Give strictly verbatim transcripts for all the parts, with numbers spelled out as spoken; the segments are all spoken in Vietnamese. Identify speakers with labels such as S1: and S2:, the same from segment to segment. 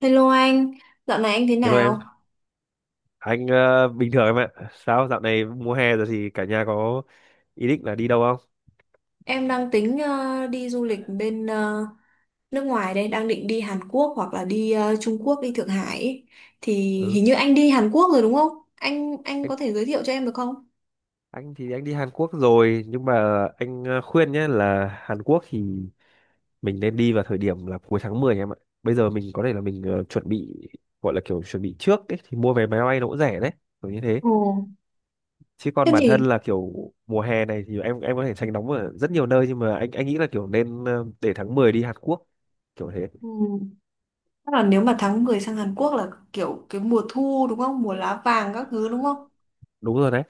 S1: Hello anh, dạo này anh thế
S2: Hello
S1: nào?
S2: em, anh ờ, bình thường em ạ. Sao dạo này mùa hè rồi thì cả nhà có ý định là đi đâu không?
S1: Em đang tính ờ, đi du lịch bên ờ, nước ngoài đây, đang định đi Hàn Quốc hoặc là đi ờ, Trung Quốc, đi Thượng Hải. Ý. Thì
S2: Ừ,
S1: hình như anh đi Hàn Quốc rồi đúng không? Anh anh
S2: anh
S1: có thể giới thiệu cho em được không?
S2: anh thì anh đi Hàn Quốc rồi nhưng mà anh ờ, khuyên nhé là Hàn Quốc thì mình nên đi vào thời điểm là cuối tháng mười em ạ. Bây giờ mình có thể là mình ờ, chuẩn bị gọi là kiểu chuẩn bị trước ấy, thì mua vé máy bay nó cũng rẻ đấy, kiểu như thế.
S1: Ồ,
S2: Chứ còn
S1: thế
S2: bản thân
S1: thì
S2: là kiểu mùa hè này thì em em có thể tránh nóng ở rất nhiều nơi nhưng mà anh anh nghĩ là kiểu nên ờ, để tháng mười đi Hàn Quốc kiểu thế.
S1: ừ, chắc là nếu mà tháng mười sang Hàn Quốc là kiểu cái mùa thu đúng không? Mùa lá vàng các thứ đúng không?
S2: Đúng rồi đấy.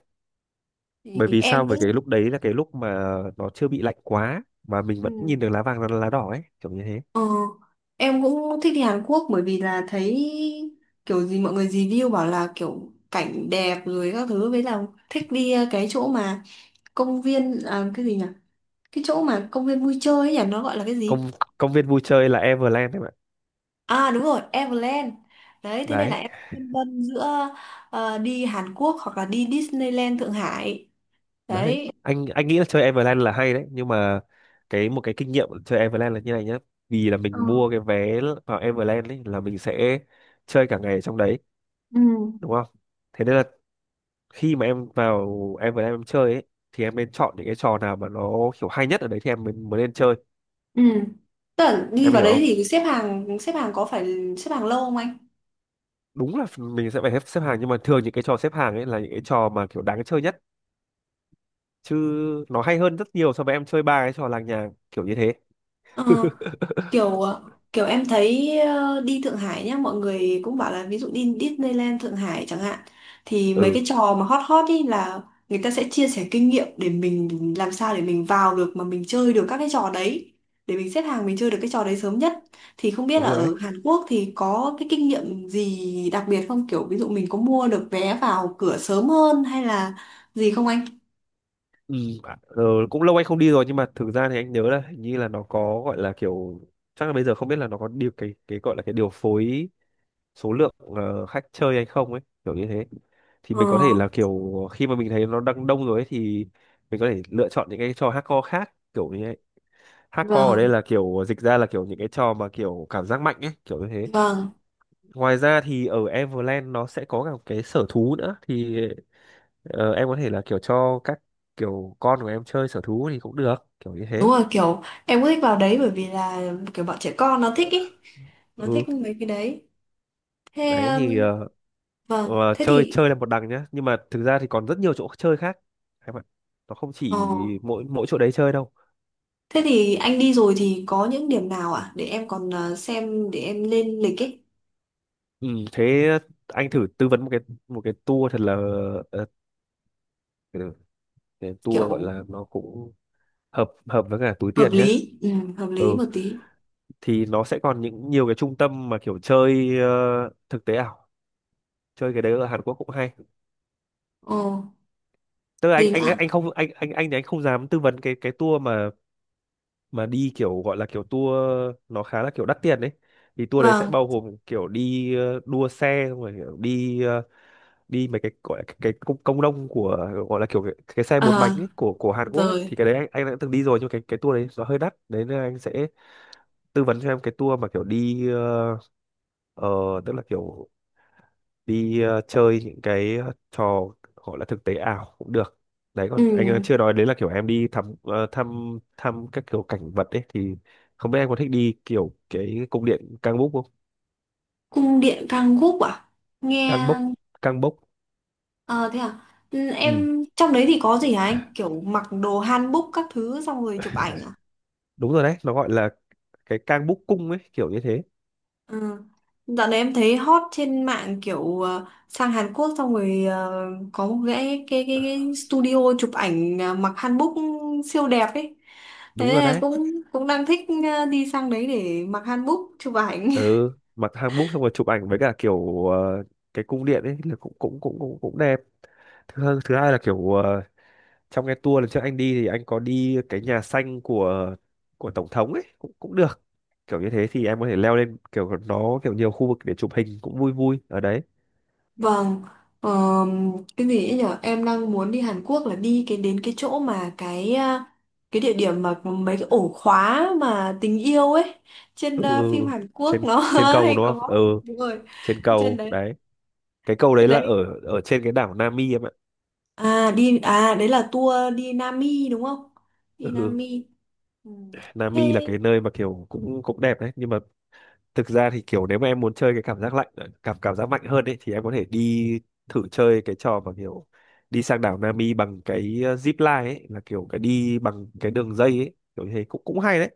S2: Bởi
S1: Thì
S2: vì sao
S1: em
S2: bởi
S1: cũng
S2: cái lúc đấy là cái lúc mà nó chưa bị lạnh quá mà mình vẫn
S1: ừ.
S2: nhìn được lá vàng lá lá đỏ ấy kiểu như thế.
S1: Ờ, em cũng thích đi Hàn Quốc bởi vì là thấy kiểu gì mọi người review bảo là kiểu cảnh đẹp rồi các thứ với là thích đi ờ, cái chỗ mà công viên à, cái gì nhỉ? Cái chỗ mà công viên vui chơi ấy nhỉ, nó gọi là cái gì?
S2: Công công viên vui chơi là Everland em ạ.
S1: À đúng rồi, Everland. Đấy, thế nên là
S2: đấy
S1: em phân vân giữa ờ, đi Hàn Quốc hoặc là đi Disneyland Thượng Hải.
S2: đấy
S1: Đấy.
S2: anh anh nghĩ là chơi Everland là hay đấy nhưng mà cái một cái kinh nghiệm chơi Everland là như này nhá. Vì là
S1: Ờ,
S2: mình mua cái vé vào Everland ấy là mình sẽ chơi cả ngày ở trong đấy
S1: ừ.
S2: đúng không? Thế nên là khi mà em vào Everland em chơi ấy thì em nên chọn những cái trò nào mà nó kiểu hay nhất ở đấy thì em mới mới nên chơi.
S1: Ừ. Tức là đi
S2: Em
S1: vào
S2: hiểu
S1: đấy
S2: không?
S1: thì xếp hàng xếp hàng có phải xếp hàng lâu không anh?
S2: Đúng là mình sẽ phải xếp xếp hàng nhưng mà thường những cái trò xếp hàng ấy là những cái trò mà kiểu đáng chơi nhất chứ nó hay hơn rất nhiều so với em chơi ba cái trò làng nhàng kiểu như thế.
S1: Ờ. Kiểu ờ, kiểu em thấy ờ, đi Thượng Hải nhá mọi người cũng bảo là ví dụ đi Disneyland Thượng Hải chẳng hạn thì mấy
S2: Ừ,
S1: cái trò mà hot hot ý là người ta sẽ chia sẻ kinh nghiệm để mình làm sao để mình vào được mà mình chơi được các cái trò đấy để mình xếp hàng mình chơi được cái trò đấy sớm nhất thì không biết
S2: đúng
S1: là
S2: rồi đấy.
S1: ở Hàn Quốc thì có cái kinh nghiệm gì đặc biệt không kiểu ví dụ mình có mua được vé vào cửa sớm hơn hay là gì không anh?
S2: Ừ, à, ờ, cũng lâu anh không đi rồi nhưng mà thực ra thì anh nhớ là hình như là nó có gọi là kiểu, chắc là bây giờ không biết là nó có điều cái cái gọi là cái điều phối số lượng ờ, khách chơi hay không ấy kiểu như thế. Thì
S1: Ờ,
S2: mình có thể là kiểu khi mà mình thấy nó đang đông rồi ấy thì mình có thể lựa chọn những cái trò hardcore khác kiểu như. Hardcore ở đây
S1: vâng,
S2: là kiểu dịch ra là kiểu những cái trò mà kiểu cảm giác mạnh ấy, kiểu như thế.
S1: vâng.
S2: Ngoài ra thì ở Everland nó sẽ có cả một cái sở thú nữa thì ờ, em có thể là kiểu cho các kiểu con của em chơi sở thú thì cũng được, kiểu như
S1: Đúng
S2: thế.
S1: rồi kiểu em cũng thích vào đấy bởi vì là kiểu bọn trẻ con nó thích ý, nó
S2: Ừ,
S1: thích mấy cái đấy. Thế
S2: đấy
S1: um,
S2: thì ờ,
S1: vâng
S2: ờ,
S1: thế
S2: chơi
S1: thì
S2: chơi là một đằng nhá, nhưng mà thực ra thì còn rất nhiều chỗ chơi khác em ạ. Nó không
S1: ờ,
S2: chỉ mỗi mỗi chỗ đấy chơi đâu.
S1: thế thì anh đi rồi thì có những điểm nào ạ để em còn ờ, xem để em lên lịch ấy,
S2: Ừ, thế anh thử tư vấn một cái một cái tour thật là ờ, cái cái tour gọi
S1: kiểu
S2: là nó cũng hợp hợp với cả túi
S1: hợp
S2: tiền nhé.
S1: lý ừ, hợp lý
S2: Ừ,
S1: một tí.
S2: thì nó sẽ còn những nhiều cái trung tâm mà kiểu chơi ờ, thực tế ảo, chơi cái đấy ở Hàn Quốc cũng hay.
S1: Ồ,
S2: Tức là
S1: gì nữa
S2: anh
S1: ạ.
S2: anh anh không anh anh anh thì anh không dám tư vấn cái cái tour mà mà đi kiểu gọi là kiểu tour nó khá là kiểu đắt tiền đấy. Thì tour đấy sẽ
S1: Vâng.
S2: bao gồm kiểu đi ờ, đua xe xong rồi kiểu đi ờ, đi mấy cái gọi là cái, cái công công nông của gọi là kiểu cái, cái xe bốn
S1: Ờ.
S2: bánh ấy, của của Hàn Quốc ấy thì
S1: Rồi.
S2: cái đấy anh anh đã từng đi rồi nhưng mà cái cái tour đấy nó hơi đắt đấy nên anh sẽ tư vấn cho em cái tour mà kiểu đi ờ, Ờ, tức là kiểu đi ờ, chơi những cái ờ, trò gọi là thực tế ảo cũng được. Đấy
S1: Ừ.
S2: còn anh ờ, chưa nói đến là kiểu em đi thăm ờ, thăm thăm các kiểu cảnh vật ấy thì không biết em có thích đi kiểu cái cung điện Cang Búc không?
S1: Cung điện Kangguk à,
S2: Cang
S1: nghe.
S2: Bốc, Cang Bốc.
S1: Ờ thế à. Ừ,
S2: Ừ,
S1: em trong đấy thì có gì hả anh kiểu mặc đồ hanbok các thứ xong rồi chụp ảnh à?
S2: đúng rồi đấy, nó gọi là cái Cang Búc cung ấy, kiểu như thế.
S1: Ừ. Dạo này em thấy hot trên mạng kiểu ờ, sang Hàn Quốc xong rồi ờ, có một cái cái cái, cái studio chụp ảnh ờ, mặc hanbok siêu đẹp ấy.
S2: Đúng
S1: Thế
S2: rồi
S1: là
S2: đấy.
S1: cũng cũng đang thích ờ, đi sang đấy để mặc hanbok chụp ảnh.
S2: Ừ, mặc hàng búc xong rồi chụp ảnh với cả kiểu ờ, cái cung điện ấy là cũng cũng cũng cũng cũng đẹp. Thứ thứ hai là kiểu ờ, trong cái tour lần trước anh đi thì anh có đi cái nhà xanh của của tổng thống ấy cũng cũng được kiểu như thế thì em có thể leo lên kiểu nó kiểu nhiều khu vực để chụp hình cũng vui vui ở đấy.
S1: Vâng. Ờ, cái gì ấy nhở? Em đang muốn đi Hàn Quốc là đi cái đến cái chỗ mà cái ờ, cái địa điểm mà có mấy cái ổ khóa mà tình yêu ấy trên
S2: Ừ, ừ,
S1: ờ, phim
S2: ừ.
S1: Hàn Quốc
S2: trên
S1: nó
S2: trên cầu
S1: hay
S2: đúng không?
S1: có.
S2: Ừ,
S1: Đúng rồi.
S2: trên
S1: Trên
S2: cầu
S1: đấy
S2: đấy. Cái cầu
S1: cái
S2: đấy là
S1: đấy.
S2: ở ở trên cái đảo Nami em ạ.
S1: À đi à đấy là tour đi Nam Mi đúng không?
S2: Ừ,
S1: Đi Nam
S2: ừ.
S1: Mi. Ừ.
S2: Nami là
S1: Thế
S2: cái nơi mà kiểu cũng cũng đẹp đấy nhưng mà thực ra thì kiểu nếu mà em muốn chơi cái cảm giác lạnh ờ, cảm cảm giác mạnh hơn ấy thì em có thể đi thử chơi cái trò mà kiểu đi sang đảo Nami bằng cái ờ, zip line ấy là kiểu cái đi bằng cái đường dây ấy kiểu như thế cũng cũng hay đấy.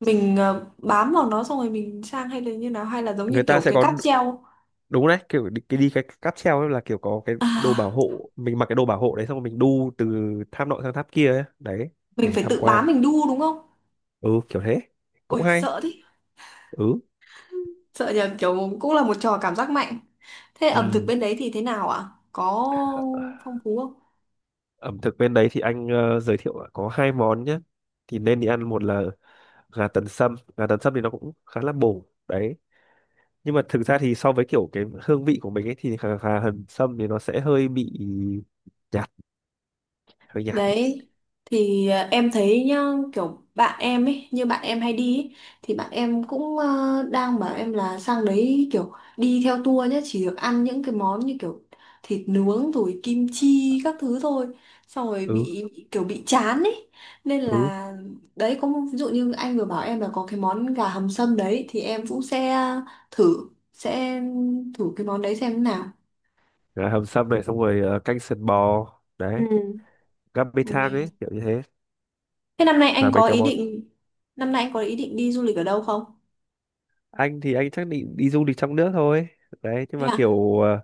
S1: mình ờ, bám vào nó xong rồi mình sang hay là như nào hay là giống như
S2: Người ta
S1: kiểu
S2: sẽ
S1: cái
S2: có
S1: cáp treo.
S2: đúng đấy kiểu đi, cái đi cái cáp treo ấy là kiểu có cái đồ bảo
S1: À
S2: hộ mình mặc cái đồ bảo hộ đấy xong rồi mình đu từ tháp nọ sang tháp kia ấy. Đấy
S1: mình
S2: để
S1: phải
S2: tham
S1: tự bám
S2: quan,
S1: mình đu đúng không?
S2: ừ kiểu thế cũng
S1: Ôi
S2: hay.
S1: sợ thế.
S2: Ừ,
S1: Sợ nhờ, kiểu cũng là một trò cảm giác mạnh. Thế ẩm thực
S2: ừ.
S1: bên đấy thì thế nào ạ? Có phong phú không?
S2: Ẩm thực bên đấy thì anh ờ, giới thiệu là có hai món nhé, thì nên đi ăn một là gà tần sâm. Gà tần sâm thì nó cũng khá là bổ đấy nhưng mà thực ra thì so với kiểu cái hương vị của mình ấy thì gà, gà hầm sâm thì nó sẽ hơi bị nhạt, hơi nhạt.
S1: Đấy thì à, em thấy nhá kiểu bạn em ấy, như bạn em hay đi ấy, thì bạn em cũng ờ, đang bảo em là sang đấy kiểu đi theo tour nhá chỉ được ăn những cái món như kiểu thịt nướng rồi kim chi các thứ thôi xong rồi
S2: Ừ,
S1: bị bị- kiểu bị chán ấy nên
S2: ừ,
S1: là đấy có một- ví dụ như anh vừa bảo em là có cái món gà hầm sâm đấy thì em cũng sẽ thử sẽ thử cái món đấy xem thế nào.
S2: gà hầm sâm này xong rồi ờ, canh sườn bò
S1: Ừ.
S2: đấy, gắp bê
S1: Ừ.
S2: thang ấy kiểu như thế
S1: Thế năm nay
S2: là
S1: anh
S2: mấy
S1: có
S2: cái
S1: ý
S2: món.
S1: định năm nay anh có ý định đi du lịch ở đâu không?
S2: Anh thì anh chắc định đi du lịch trong nước thôi đấy nhưng
S1: Thế
S2: mà
S1: à?
S2: kiểu ờ,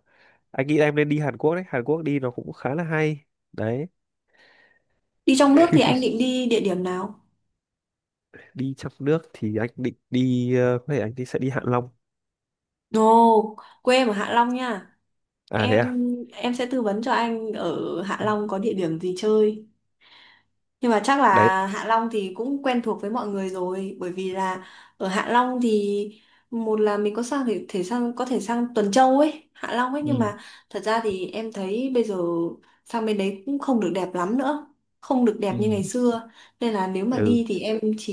S2: anh nghĩ em nên đi Hàn Quốc đấy, Hàn Quốc đi nó cũng khá là hay đấy.
S1: Đi trong nước thì anh định đi địa điểm nào?
S2: Đi trong nước thì anh định đi ờ, có thể anh đi sẽ đi Hạ Long.
S1: Ồ, quê em ở Hạ Long nha.
S2: À thế à.
S1: Em em sẽ tư vấn cho anh ở Hạ Long
S2: À,
S1: có địa điểm gì chơi. Nhưng mà chắc
S2: đấy.
S1: là Hạ Long thì cũng quen thuộc với mọi người rồi bởi vì là ở Hạ Long thì một là mình có sang thể, thể sang có thể sang Tuần Châu ấy, Hạ Long ấy nhưng
S2: Ừ,
S1: mà thật ra thì em thấy bây giờ sang bên đấy cũng không được đẹp lắm nữa, không được đẹp
S2: ừ,
S1: như ngày xưa. Nên là nếu mà
S2: ừ,
S1: đi thì em chỉ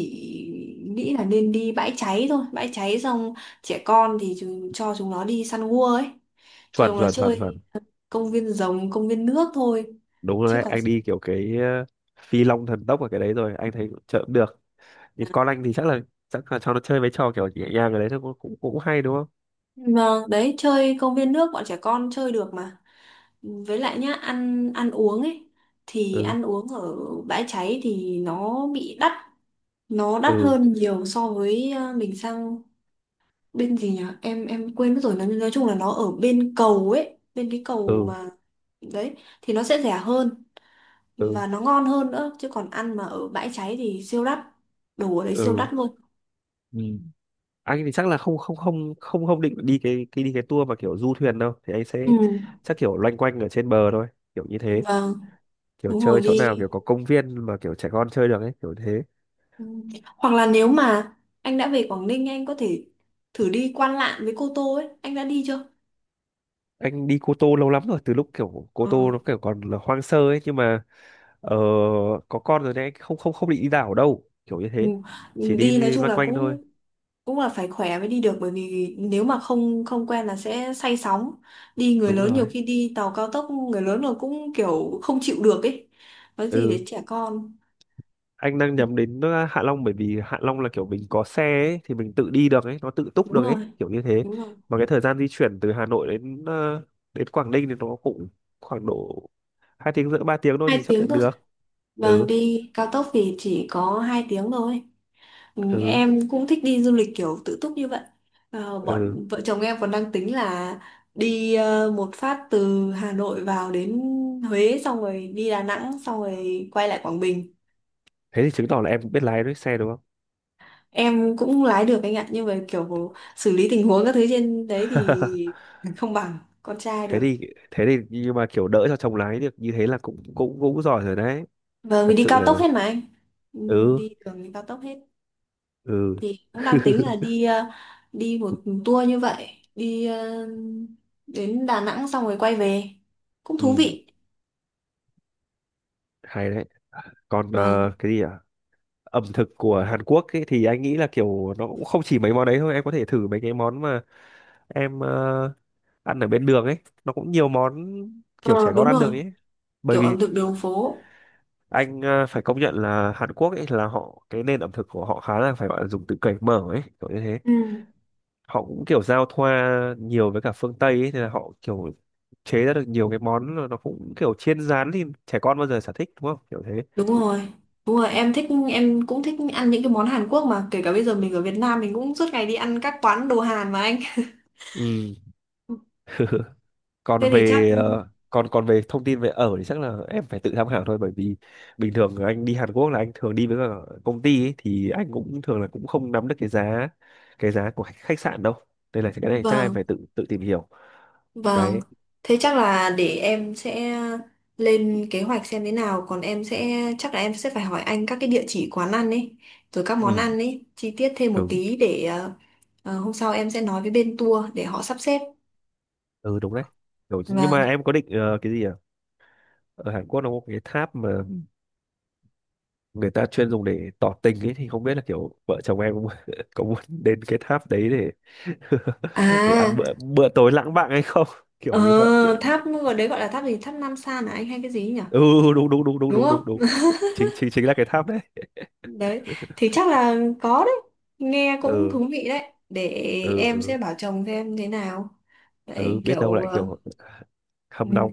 S1: nghĩ là nên đi bãi cháy thôi, bãi cháy xong trẻ con thì chúng, cho chúng nó đi săn gua ấy, cho
S2: chuẩn
S1: chúng nó
S2: chuẩn chuẩn
S1: chơi
S2: chuẩn.
S1: công viên rồng, công viên nước thôi.
S2: Đúng rồi
S1: Chứ
S2: đấy,
S1: còn
S2: anh đi kiểu cái ờ, phi long thần tốc ở cái đấy rồi anh thấy chợ cũng được nhưng con anh thì chắc là chắc là cho nó chơi mấy trò kiểu nhẹ nhàng ở đấy thôi cũng cũng cũng hay đúng không?
S1: vâng, đấy chơi công viên nước bọn trẻ con chơi được mà. Với lại nhá, ăn ăn uống ấy thì
S2: Ừ,
S1: ăn uống ở bãi cháy thì nó bị đắt, nó đắt
S2: ừ,
S1: hơn nhiều so với ờ, mình sang bên gì nhỉ? Em em quên mất rồi, nói, nói chung là nó ở bên cầu ấy, bên cái cầu
S2: ừ,
S1: mà đấy thì nó sẽ rẻ hơn
S2: ừ,
S1: và nó ngon hơn nữa chứ còn ăn mà ở bãi cháy thì siêu đắt. Đồ ở đấy siêu
S2: ừ,
S1: đắt luôn.
S2: ừ. Anh thì chắc là không không không không không định đi cái cái đi cái tour mà kiểu du thuyền đâu thì anh sẽ
S1: Ừ.
S2: chắc kiểu loanh quanh ở trên bờ thôi kiểu như thế,
S1: Vâng,
S2: kiểu
S1: đúng
S2: chơi
S1: rồi
S2: chỗ
S1: đi.
S2: nào kiểu có công viên mà kiểu trẻ con chơi được ấy kiểu thế.
S1: Ừ. Hoặc là nếu mà anh đã về Quảng Ninh anh có thể thử đi Quan Lạn với Cô Tô ấy, anh đã đi chưa?
S2: Anh đi Cô Tô lâu lắm rồi từ lúc kiểu Cô
S1: Ờ.
S2: Tô nó kiểu còn là hoang sơ ấy nhưng mà ờ, có con rồi đấy, không không không định đi đảo đâu kiểu như
S1: Ừ.
S2: thế.
S1: Ừ,
S2: Chỉ đi,
S1: đi nói
S2: li-
S1: chung
S2: loanh
S1: là
S2: quanh thôi.
S1: cũng cũng là phải khỏe mới đi được bởi vì nếu mà không không quen là sẽ say sóng. Đi người
S2: Đúng
S1: lớn nhiều
S2: rồi,
S1: khi đi tàu cao tốc người lớn là cũng kiểu không chịu được ấy. Nói gì
S2: ừ.
S1: để trẻ con.
S2: Anh đang nhắm đến ờ, Hạ Long bởi vì Hạ Long là kiểu mình có xe ấy, thì mình tự đi được ấy nó tự túc
S1: Đúng
S2: được ấy
S1: rồi,
S2: kiểu như thế
S1: đúng rồi.
S2: mà cái thời gian di chuyển từ Hà Nội đến ờ, đến Quảng Ninh thì nó cũng khoảng độ hai tiếng rưỡi ba tiếng thôi
S1: Hai
S2: thì chấp
S1: tiếng
S2: nhận
S1: thôi.
S2: được.
S1: Vâng,
S2: Ừ,
S1: đi cao tốc thì chỉ có hai tiếng thôi. Ừ,
S2: ừ,
S1: em cũng thích đi du lịch kiểu tự túc như vậy. Ờ,
S2: ừ,
S1: bọn vợ chồng em còn đang tính là đi ờ, một phát từ Hà Nội vào đến Huế xong rồi đi Đà Nẵng xong rồi quay lại Quảng Bình.
S2: thế thì chứng tỏ là em cũng biết lái đấy xe đúng không?
S1: Em cũng lái được anh ạ, nhưng mà kiểu xử lý tình huống các thứ trên đấy thì không bằng con trai
S2: thế
S1: được.
S2: thì thế thì nhưng mà kiểu đỡ cho chồng lái được như thế là cũng cũng cũng giỏi rồi đấy.
S1: Vâng, vì
S2: Thật
S1: đi
S2: sự
S1: cao tốc
S2: là,
S1: hết mà anh. Ừ,
S2: ừ,
S1: đi đường cao tốc hết.
S2: ừ,
S1: Thì cũng đang tính là đi ờ, đi một tour như vậy đi ờ, đến Đà Nẵng xong rồi quay về cũng thú
S2: ừ
S1: vị.
S2: hay đấy. Còn ờ,
S1: Vâng.
S2: cái gì ạ, ẩm thực của Hàn Quốc ấy, thì anh nghĩ là kiểu nó cũng không chỉ mấy món đấy thôi, em có thể thử mấy cái món mà em ờ, ăn ở bên đường ấy nó cũng nhiều món kiểu
S1: Ờ,
S2: trẻ con
S1: đúng
S2: ăn được
S1: rồi,
S2: ấy. Bởi
S1: kiểu
S2: vì
S1: ẩm thực đường phố.
S2: anh ờ, phải công nhận là Hàn Quốc ấy là họ, cái nền ẩm thực của họ khá là phải gọi là dùng từ cởi mở ấy kiểu như thế.
S1: Ừ.
S2: Họ cũng kiểu giao thoa nhiều với cả phương Tây ấy, thì là họ kiểu chế ra được nhiều cái món là nó cũng kiểu chiên rán thì trẻ con bao giờ sở thích đúng không kiểu thế.
S1: Đúng rồi, đúng rồi em thích, em cũng thích ăn những cái món Hàn Quốc mà kể cả bây giờ mình ở Việt Nam mình cũng suốt ngày đi ăn các quán đồ Hàn mà anh.
S2: Ừ.
S1: Thế
S2: Còn
S1: thì chắc
S2: về ờ, còn còn về thông tin về ở thì chắc là em phải tự tham khảo thôi, bởi vì bình thường anh đi Hàn Quốc là anh thường đi với cả công ty ấy, thì anh cũng thường là cũng không nắm được cái giá, cái giá của khách khách sạn đâu nên là cái này chắc em
S1: vâng.
S2: phải tự tự tìm hiểu
S1: Vâng,
S2: đấy.
S1: thế chắc là để em sẽ lên kế hoạch xem thế nào. Còn em sẽ, chắc là em sẽ phải hỏi anh các cái địa chỉ quán ăn ấy, rồi các món
S2: Ừ,
S1: ăn ấy, chi tiết thêm một
S2: ừ,
S1: tí để ờ, ờ, hôm sau em sẽ nói với bên tour để họ sắp xếp.
S2: ừ đúng đấy. Kiểu- nhưng
S1: Vâng,
S2: mà em có định ờ, cái gì à, ở Hàn Quốc nó có cái tháp mà người ta chuyên dùng để tỏ tình ấy thì không biết là kiểu vợ chồng em có, có muốn đến cái tháp đấy để để ăn
S1: à,
S2: bữa bữa tối lãng mạn hay không
S1: ờ,
S2: kiểu như vậy.
S1: tháp, ở đấy gọi là tháp gì, tháp Nam San à anh hay cái gì nhỉ?
S2: Ừ, đúng đúng đúng đúng
S1: Đúng
S2: đúng
S1: không?
S2: đúng đúng, chính chính chính là cái tháp đấy.
S1: Đấy, thì chắc là có đấy. Nghe cũng
S2: Ừ,
S1: thú vị đấy. Để
S2: ừ,
S1: em sẽ
S2: ừ,
S1: bảo chồng xem thế nào.
S2: ừ
S1: Vậy
S2: biết đâu
S1: kiểu
S2: lại
S1: ờ,
S2: kiểu hâm nóng.
S1: ừm,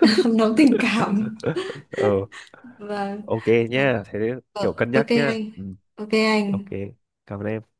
S1: nóng tình cảm.
S2: Ừ,
S1: Vâng.
S2: ok
S1: Vâng.
S2: nhá thế kiểu
S1: Ờ,
S2: cân nhắc
S1: ok
S2: nhá,
S1: anh.
S2: ừ,
S1: Ok
S2: ok
S1: anh.
S2: cảm ơn em